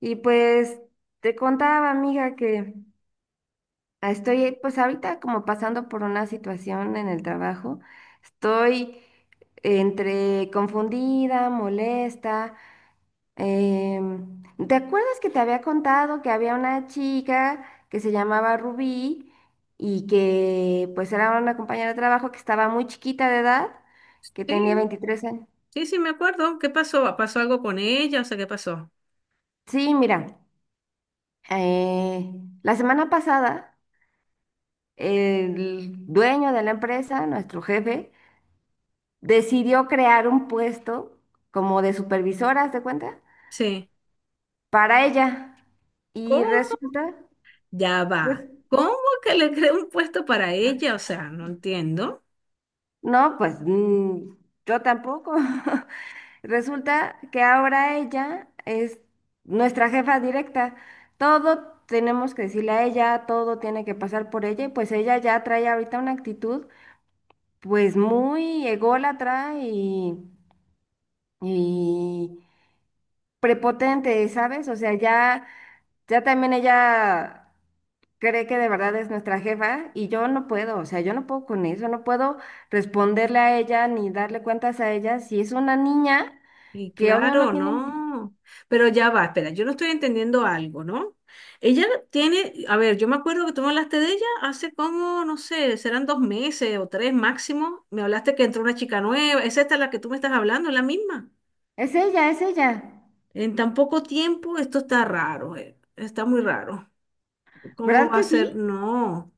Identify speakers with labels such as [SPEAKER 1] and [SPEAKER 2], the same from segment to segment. [SPEAKER 1] Y pues te contaba, amiga, que estoy pues ahorita como pasando por una situación en el trabajo. Estoy entre confundida, molesta. em, ¿Te acuerdas que te había contado que había una chica que se llamaba Rubí y que pues era una compañera de trabajo que estaba muy chiquita de edad, que
[SPEAKER 2] Sí,
[SPEAKER 1] tenía 23 años?
[SPEAKER 2] sí, sí, me acuerdo. ¿Qué pasó? ¿Pasó algo con ella? O sea, ¿qué pasó?
[SPEAKER 1] Sí, mira, eh, la semana pasada. El dueño de la empresa, nuestro jefe, decidió crear un puesto como de supervisora, ¿haz de cuenta?
[SPEAKER 2] Sí.
[SPEAKER 1] Para ella. Y
[SPEAKER 2] ¿Cómo?
[SPEAKER 1] resulta,
[SPEAKER 2] Ya
[SPEAKER 1] pues,
[SPEAKER 2] va. ¿Cómo que le creó un puesto para ella? O sea, no entiendo.
[SPEAKER 1] no, pues yo tampoco. Resulta que ahora ella es nuestra jefa directa. Todo tenemos que decirle a ella, todo tiene que pasar por ella, y pues ella ya trae ahorita una actitud pues muy ególatra y prepotente, ¿sabes? O sea, ya, ya también ella cree que de verdad es nuestra jefa y yo no puedo, o sea, yo no puedo con eso, no puedo responderle a ella ni darle cuentas a ella si es una niña
[SPEAKER 2] Y
[SPEAKER 1] que obvio no
[SPEAKER 2] claro,
[SPEAKER 1] tiene.
[SPEAKER 2] no. Pero ya va, espera, yo no estoy entendiendo algo, ¿no? Ella tiene, a ver, yo me acuerdo que tú me hablaste de ella hace como, no sé, serán 2 meses o 3 máximo. Me hablaste que entró una chica nueva. ¿Es esta la que tú me estás hablando? ¿Es la misma?
[SPEAKER 1] Es ella,
[SPEAKER 2] En tan poco tiempo, esto está raro, está muy raro. ¿Cómo
[SPEAKER 1] ¿verdad
[SPEAKER 2] va a
[SPEAKER 1] que
[SPEAKER 2] ser?
[SPEAKER 1] sí?
[SPEAKER 2] No,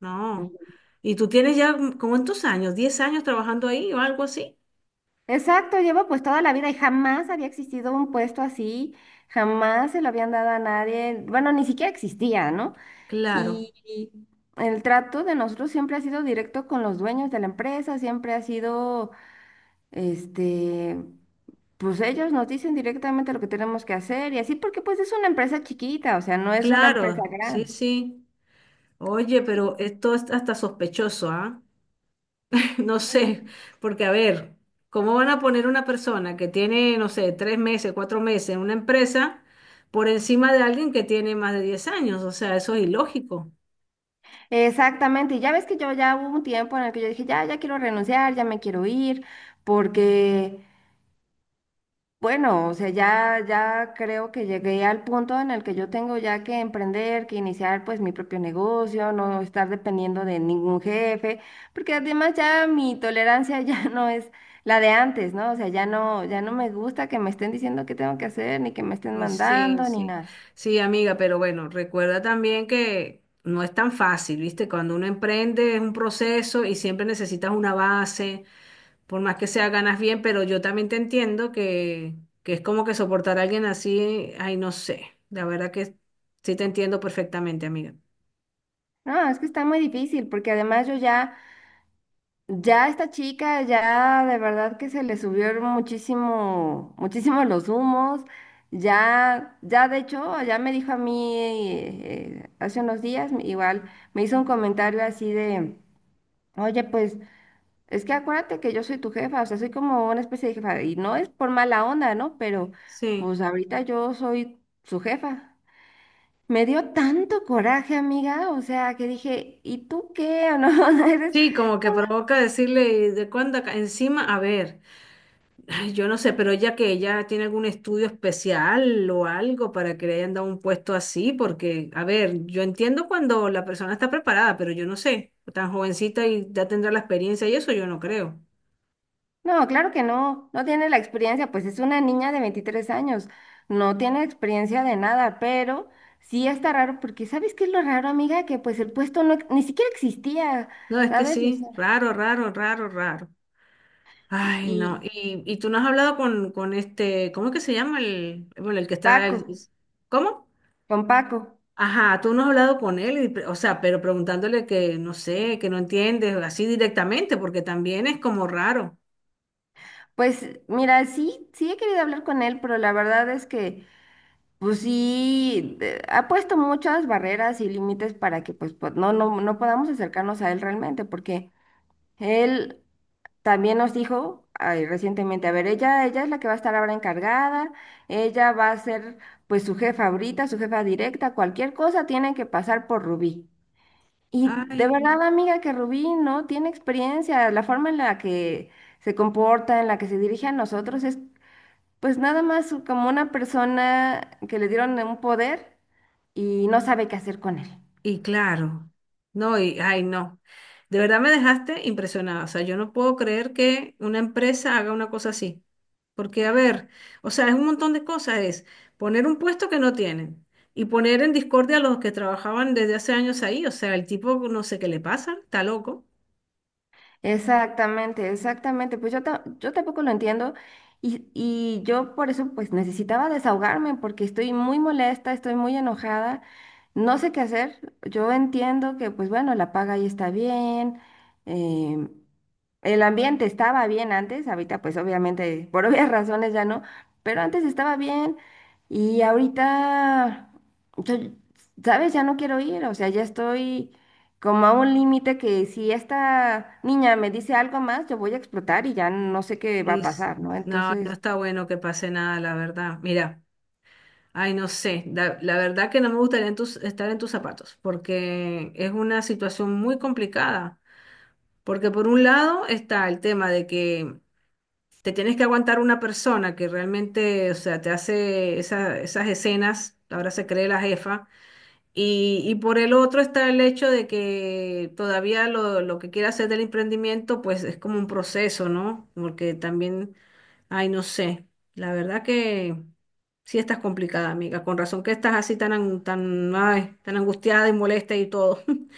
[SPEAKER 2] no. ¿Y tú tienes ya como en tus años, 10 años trabajando ahí o algo así?
[SPEAKER 1] Exacto, llevo pues toda la vida y jamás había existido un puesto así, jamás se lo habían dado a nadie, bueno, ni siquiera existía, ¿no?
[SPEAKER 2] Claro,
[SPEAKER 1] Y el trato de nosotros siempre ha sido directo con los dueños de la empresa, siempre ha sido, este, pues ellos nos dicen directamente lo que tenemos que hacer y así, porque pues es una empresa chiquita, o sea, no es una empresa
[SPEAKER 2] claro, sí,
[SPEAKER 1] grande.
[SPEAKER 2] sí. Oye,
[SPEAKER 1] Y-
[SPEAKER 2] pero esto es hasta sospechoso, ¿ah? No
[SPEAKER 1] Ujú.
[SPEAKER 2] sé, porque a ver, ¿cómo van a poner una persona que tiene, no sé, 3 meses, 4 meses en una empresa por encima de alguien que tiene más de 10 años? O sea, eso es ilógico.
[SPEAKER 1] Exactamente, y ya ves que yo ya hubo un tiempo en el que yo dije, ya, ya quiero renunciar, ya me quiero ir, porque bueno, o sea, ya, ya creo que llegué al punto en el que yo tengo ya que emprender, que iniciar pues mi propio negocio, no estar dependiendo de ningún jefe, porque además ya mi tolerancia ya no es la de antes, ¿no? O sea, ya no, ya no me gusta que me estén diciendo qué tengo que hacer, ni que me estén
[SPEAKER 2] Sí,
[SPEAKER 1] mandando, ni
[SPEAKER 2] sí,
[SPEAKER 1] nada.
[SPEAKER 2] sí, amiga, pero bueno, recuerda también que no es tan fácil, ¿viste? Cuando uno emprende es un proceso y siempre necesitas una base, por más que sea ganas bien, pero yo también te entiendo que es como que soportar a alguien así, ay, no sé, la verdad que sí te entiendo perfectamente, amiga.
[SPEAKER 1] No, es que está muy difícil, porque además yo ya. Ya esta chica, ya de verdad que se le subieron muchísimo, muchísimo los humos. Ya, ya de hecho, ya me dijo a mí hace unos días, igual me hizo un comentario así de, oye, pues es que acuérdate que yo soy tu jefa, o sea, soy como una especie de jefa, y no es por mala onda, ¿no? Pero
[SPEAKER 2] Sí,
[SPEAKER 1] pues ahorita yo soy su jefa. Me dio tanto coraje, amiga, o sea, que dije, ¿y tú qué? ¿No? Eres
[SPEAKER 2] sí, como que provoca decirle, ¿de cuándo acá? Encima, a ver. Ay, yo no sé, pero ella que ella tiene algún estudio especial o algo para que le hayan dado un puesto así, porque, a ver, yo entiendo cuando la persona está preparada, pero yo no sé, tan jovencita y ya tendrá la experiencia y eso yo no creo.
[SPEAKER 1] no, claro que no, no tiene la experiencia, pues es una niña de 23 años, no tiene experiencia de nada, pero sí está raro, porque ¿sabes qué es lo raro, amiga? Que pues el puesto no, ni siquiera existía,
[SPEAKER 2] No, es que
[SPEAKER 1] ¿sabes? O
[SPEAKER 2] sí,
[SPEAKER 1] sea,
[SPEAKER 2] raro, raro, raro, raro.
[SPEAKER 1] y
[SPEAKER 2] Ay, no,
[SPEAKER 1] y
[SPEAKER 2] y tú no has hablado con este, ¿cómo es que se llama bueno, el que está,
[SPEAKER 1] Paco,
[SPEAKER 2] ¿cómo?
[SPEAKER 1] con Paco,
[SPEAKER 2] Ajá, tú no has hablado con él, y o sea, pero preguntándole que no sé, que no entiendes, así directamente, porque también es como raro.
[SPEAKER 1] pues mira, sí, sí he querido hablar con él, pero la verdad es que, pues sí, ha puesto muchas barreras y límites para que pues, pues no, no, no podamos acercarnos a él realmente, porque él. También nos dijo ay, recientemente, a ver, ella es la que va a estar ahora encargada, ella va a ser pues su jefa ahorita, su jefa directa, cualquier cosa tiene que pasar por Rubí. Y de
[SPEAKER 2] Ay, no.
[SPEAKER 1] verdad, amiga, que Rubí no tiene experiencia, la forma en la que se comporta, en la que se dirige a nosotros es pues nada más como una persona que le dieron un poder y no sabe qué hacer con él.
[SPEAKER 2] y claro, no, ay, no. De verdad me dejaste impresionada. O sea, yo no puedo creer que una empresa haga una cosa así. Porque, a ver, o sea, es un montón de cosas. Es poner un puesto que no tienen y poner en discordia a los que trabajaban desde hace años ahí. O sea, el tipo no sé qué le pasa, está loco.
[SPEAKER 1] Exactamente, exactamente. Pues yo, yo tampoco lo entiendo y yo por eso pues necesitaba desahogarme porque estoy muy molesta, estoy muy enojada, no sé qué hacer. Yo entiendo que pues bueno, la paga ahí está bien, em, el ambiente estaba bien antes, ahorita pues obviamente por obvias razones ya no, pero antes estaba bien y ahorita, yo- ¿sabes? Ya no quiero ir, o sea, ya estoy como a un límite que si esta niña me dice algo más, yo voy a explotar y ya no sé qué va
[SPEAKER 2] Y
[SPEAKER 1] a
[SPEAKER 2] s-
[SPEAKER 1] pasar, ¿no?
[SPEAKER 2] no, no
[SPEAKER 1] Entonces.
[SPEAKER 2] está bueno que pase nada, la verdad. Mira, ay, no sé. La verdad que no me gustaría en estar en tus zapatos porque es una situación muy complicada. Porque por un lado está el tema de que te tienes que aguantar una persona que realmente, o sea, te hace esas escenas, ahora se cree la jefa, y por el otro está el hecho de que todavía lo que quiere hacer del emprendimiento, pues es como un proceso, ¿no? Porque también, ay, no sé, la verdad que sí estás complicada, amiga, con razón que estás así tan, ay, tan angustiada y molesta y todo.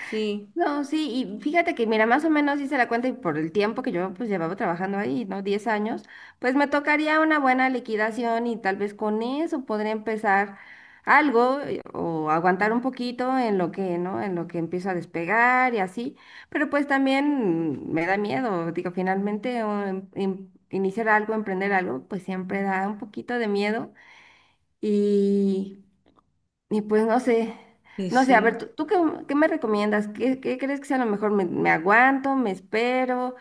[SPEAKER 2] Sí,
[SPEAKER 1] No, sí, y fíjate que, mira, más o menos hice la cuenta y por el tiempo que yo pues llevaba trabajando ahí, ¿no? 10 años, pues me tocaría una buena liquidación y tal vez con eso podría empezar algo o aguantar un poquito en lo que, ¿no? En lo que empiezo a despegar y así, pero pues también me da miedo, digo, finalmente iniciar algo, emprender algo, pues siempre da un poquito de miedo y. Y pues no sé,
[SPEAKER 2] sí,
[SPEAKER 1] no sé, a ver,
[SPEAKER 2] sí.
[SPEAKER 1] ¿tú, tú qué, qué me recomiendas? ¿Qué, qué crees que sea lo mejor? ¿Me, me aguanto, me espero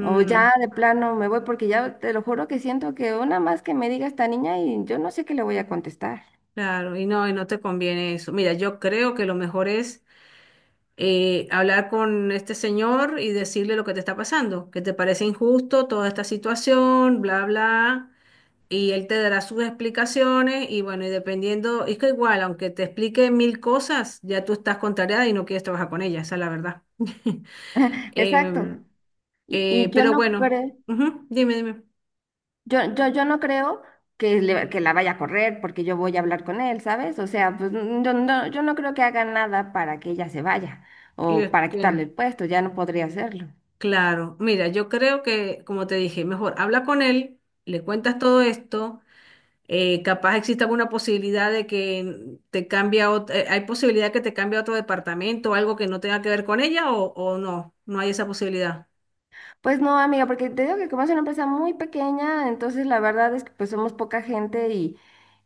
[SPEAKER 1] o ya de plano me voy? Porque ya te lo juro que siento que una más que me diga esta niña y yo no sé qué le voy a contestar.
[SPEAKER 2] Claro, y no te conviene eso. Mira, yo creo que lo mejor es hablar con este señor y decirle lo que te está pasando, que te parece injusto toda esta situación, bla, bla, y él te dará sus explicaciones y bueno, y dependiendo, es que igual, aunque te explique mil cosas, ya tú estás contrariada y no quieres trabajar con ella, esa es la verdad.
[SPEAKER 1] Exacto.
[SPEAKER 2] Em,
[SPEAKER 1] Y yo
[SPEAKER 2] pero
[SPEAKER 1] no
[SPEAKER 2] bueno,
[SPEAKER 1] creo,
[SPEAKER 2] ujú, dime, dime.
[SPEAKER 1] yo no creo que, que la vaya a correr porque yo voy a hablar con él, ¿sabes? O sea, pues yo no, yo no creo que haga nada para que ella se vaya
[SPEAKER 2] Y
[SPEAKER 1] o
[SPEAKER 2] es
[SPEAKER 1] para
[SPEAKER 2] que-
[SPEAKER 1] quitarle el puesto, ya no podría hacerlo.
[SPEAKER 2] Claro, mira, yo creo que, como te dije, mejor habla con él, le cuentas todo esto, capaz exista alguna posibilidad de que te cambie a hay posibilidad que te cambie a otro departamento, algo que no tenga que ver con ella o no, no hay esa posibilidad.
[SPEAKER 1] Pues no, amiga, porque te digo que como es una empresa muy pequeña, entonces la verdad es que pues somos poca gente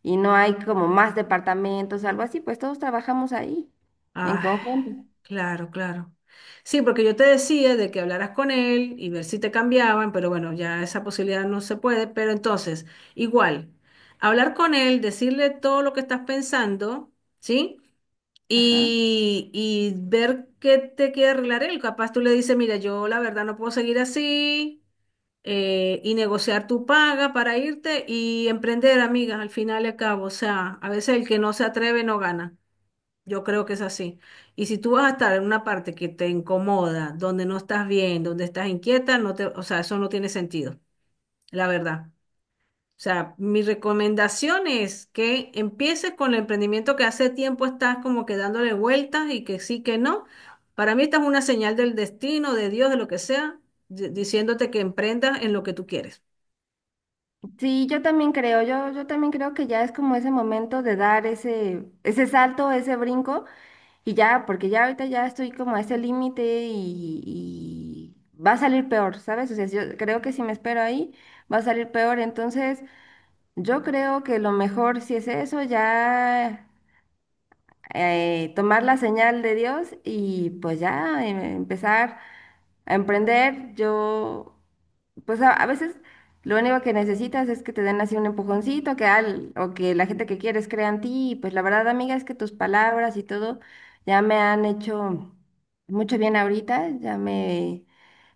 [SPEAKER 1] y no hay como más departamentos, algo así, pues todos trabajamos ahí en
[SPEAKER 2] Ah,
[SPEAKER 1] conjunto.
[SPEAKER 2] claro, claro. Sí, porque yo te decía de que hablaras con él y ver si te cambiaban, pero bueno, ya esa posibilidad no se puede, pero entonces, igual, hablar con él, decirle todo lo que estás pensando, ¿sí?
[SPEAKER 1] Ajá.
[SPEAKER 2] Y ver qué te quiere arreglar él. Capaz tú le dices, mira, yo la verdad no puedo seguir así, y negociar tu paga para irte y emprender, amigas, al final y al cabo. O sea, a veces el que no se atreve no gana. Yo creo que es así. Y si tú vas a estar en una parte que te incomoda, donde no estás bien, donde estás inquieta, no te, o sea, eso no tiene sentido, la verdad. O sea, mi recomendación es que empieces con el emprendimiento que hace tiempo estás como que dándole vueltas y que sí, que no. Para mí esta es una señal del destino, de Dios, de lo que sea, diciéndote que emprendas en lo que tú quieres.
[SPEAKER 1] Sí, yo también creo, yo también creo que ya es como ese momento de dar ese, ese salto, ese brinco, y ya, porque ya ahorita ya estoy como a ese límite y va a salir peor, ¿sabes? O sea, yo creo que si me espero ahí, va a salir peor, entonces. Yo creo que lo mejor, si es eso, ya tomar la señal de Dios y pues ya empezar a emprender. Yo, pues a veces lo único que necesitas es que te den así un empujoncito, que al, o que la gente que quieres crea en ti. Y pues la verdad, amiga, es que tus palabras y todo ya me han hecho mucho bien ahorita. Ya me,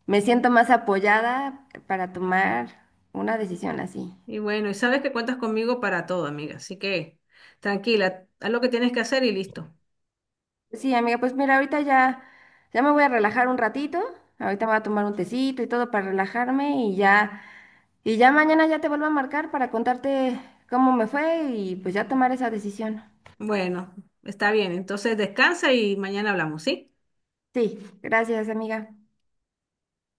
[SPEAKER 1] me siento más apoyada para tomar una decisión así.
[SPEAKER 2] Y bueno, y sabes que cuentas conmigo para todo, amiga. Así que tranquila, haz lo que tienes que hacer y listo.
[SPEAKER 1] Sí, amiga, pues mira, ahorita ya, ya me voy a relajar un ratito. Ahorita me voy a tomar un tecito y todo para relajarme y ya mañana ya te vuelvo a marcar para contarte cómo me fue y pues ya tomar esa decisión.
[SPEAKER 2] Bueno, está bien. Entonces descansa y mañana hablamos, ¿sí?
[SPEAKER 1] Sí, gracias, amiga.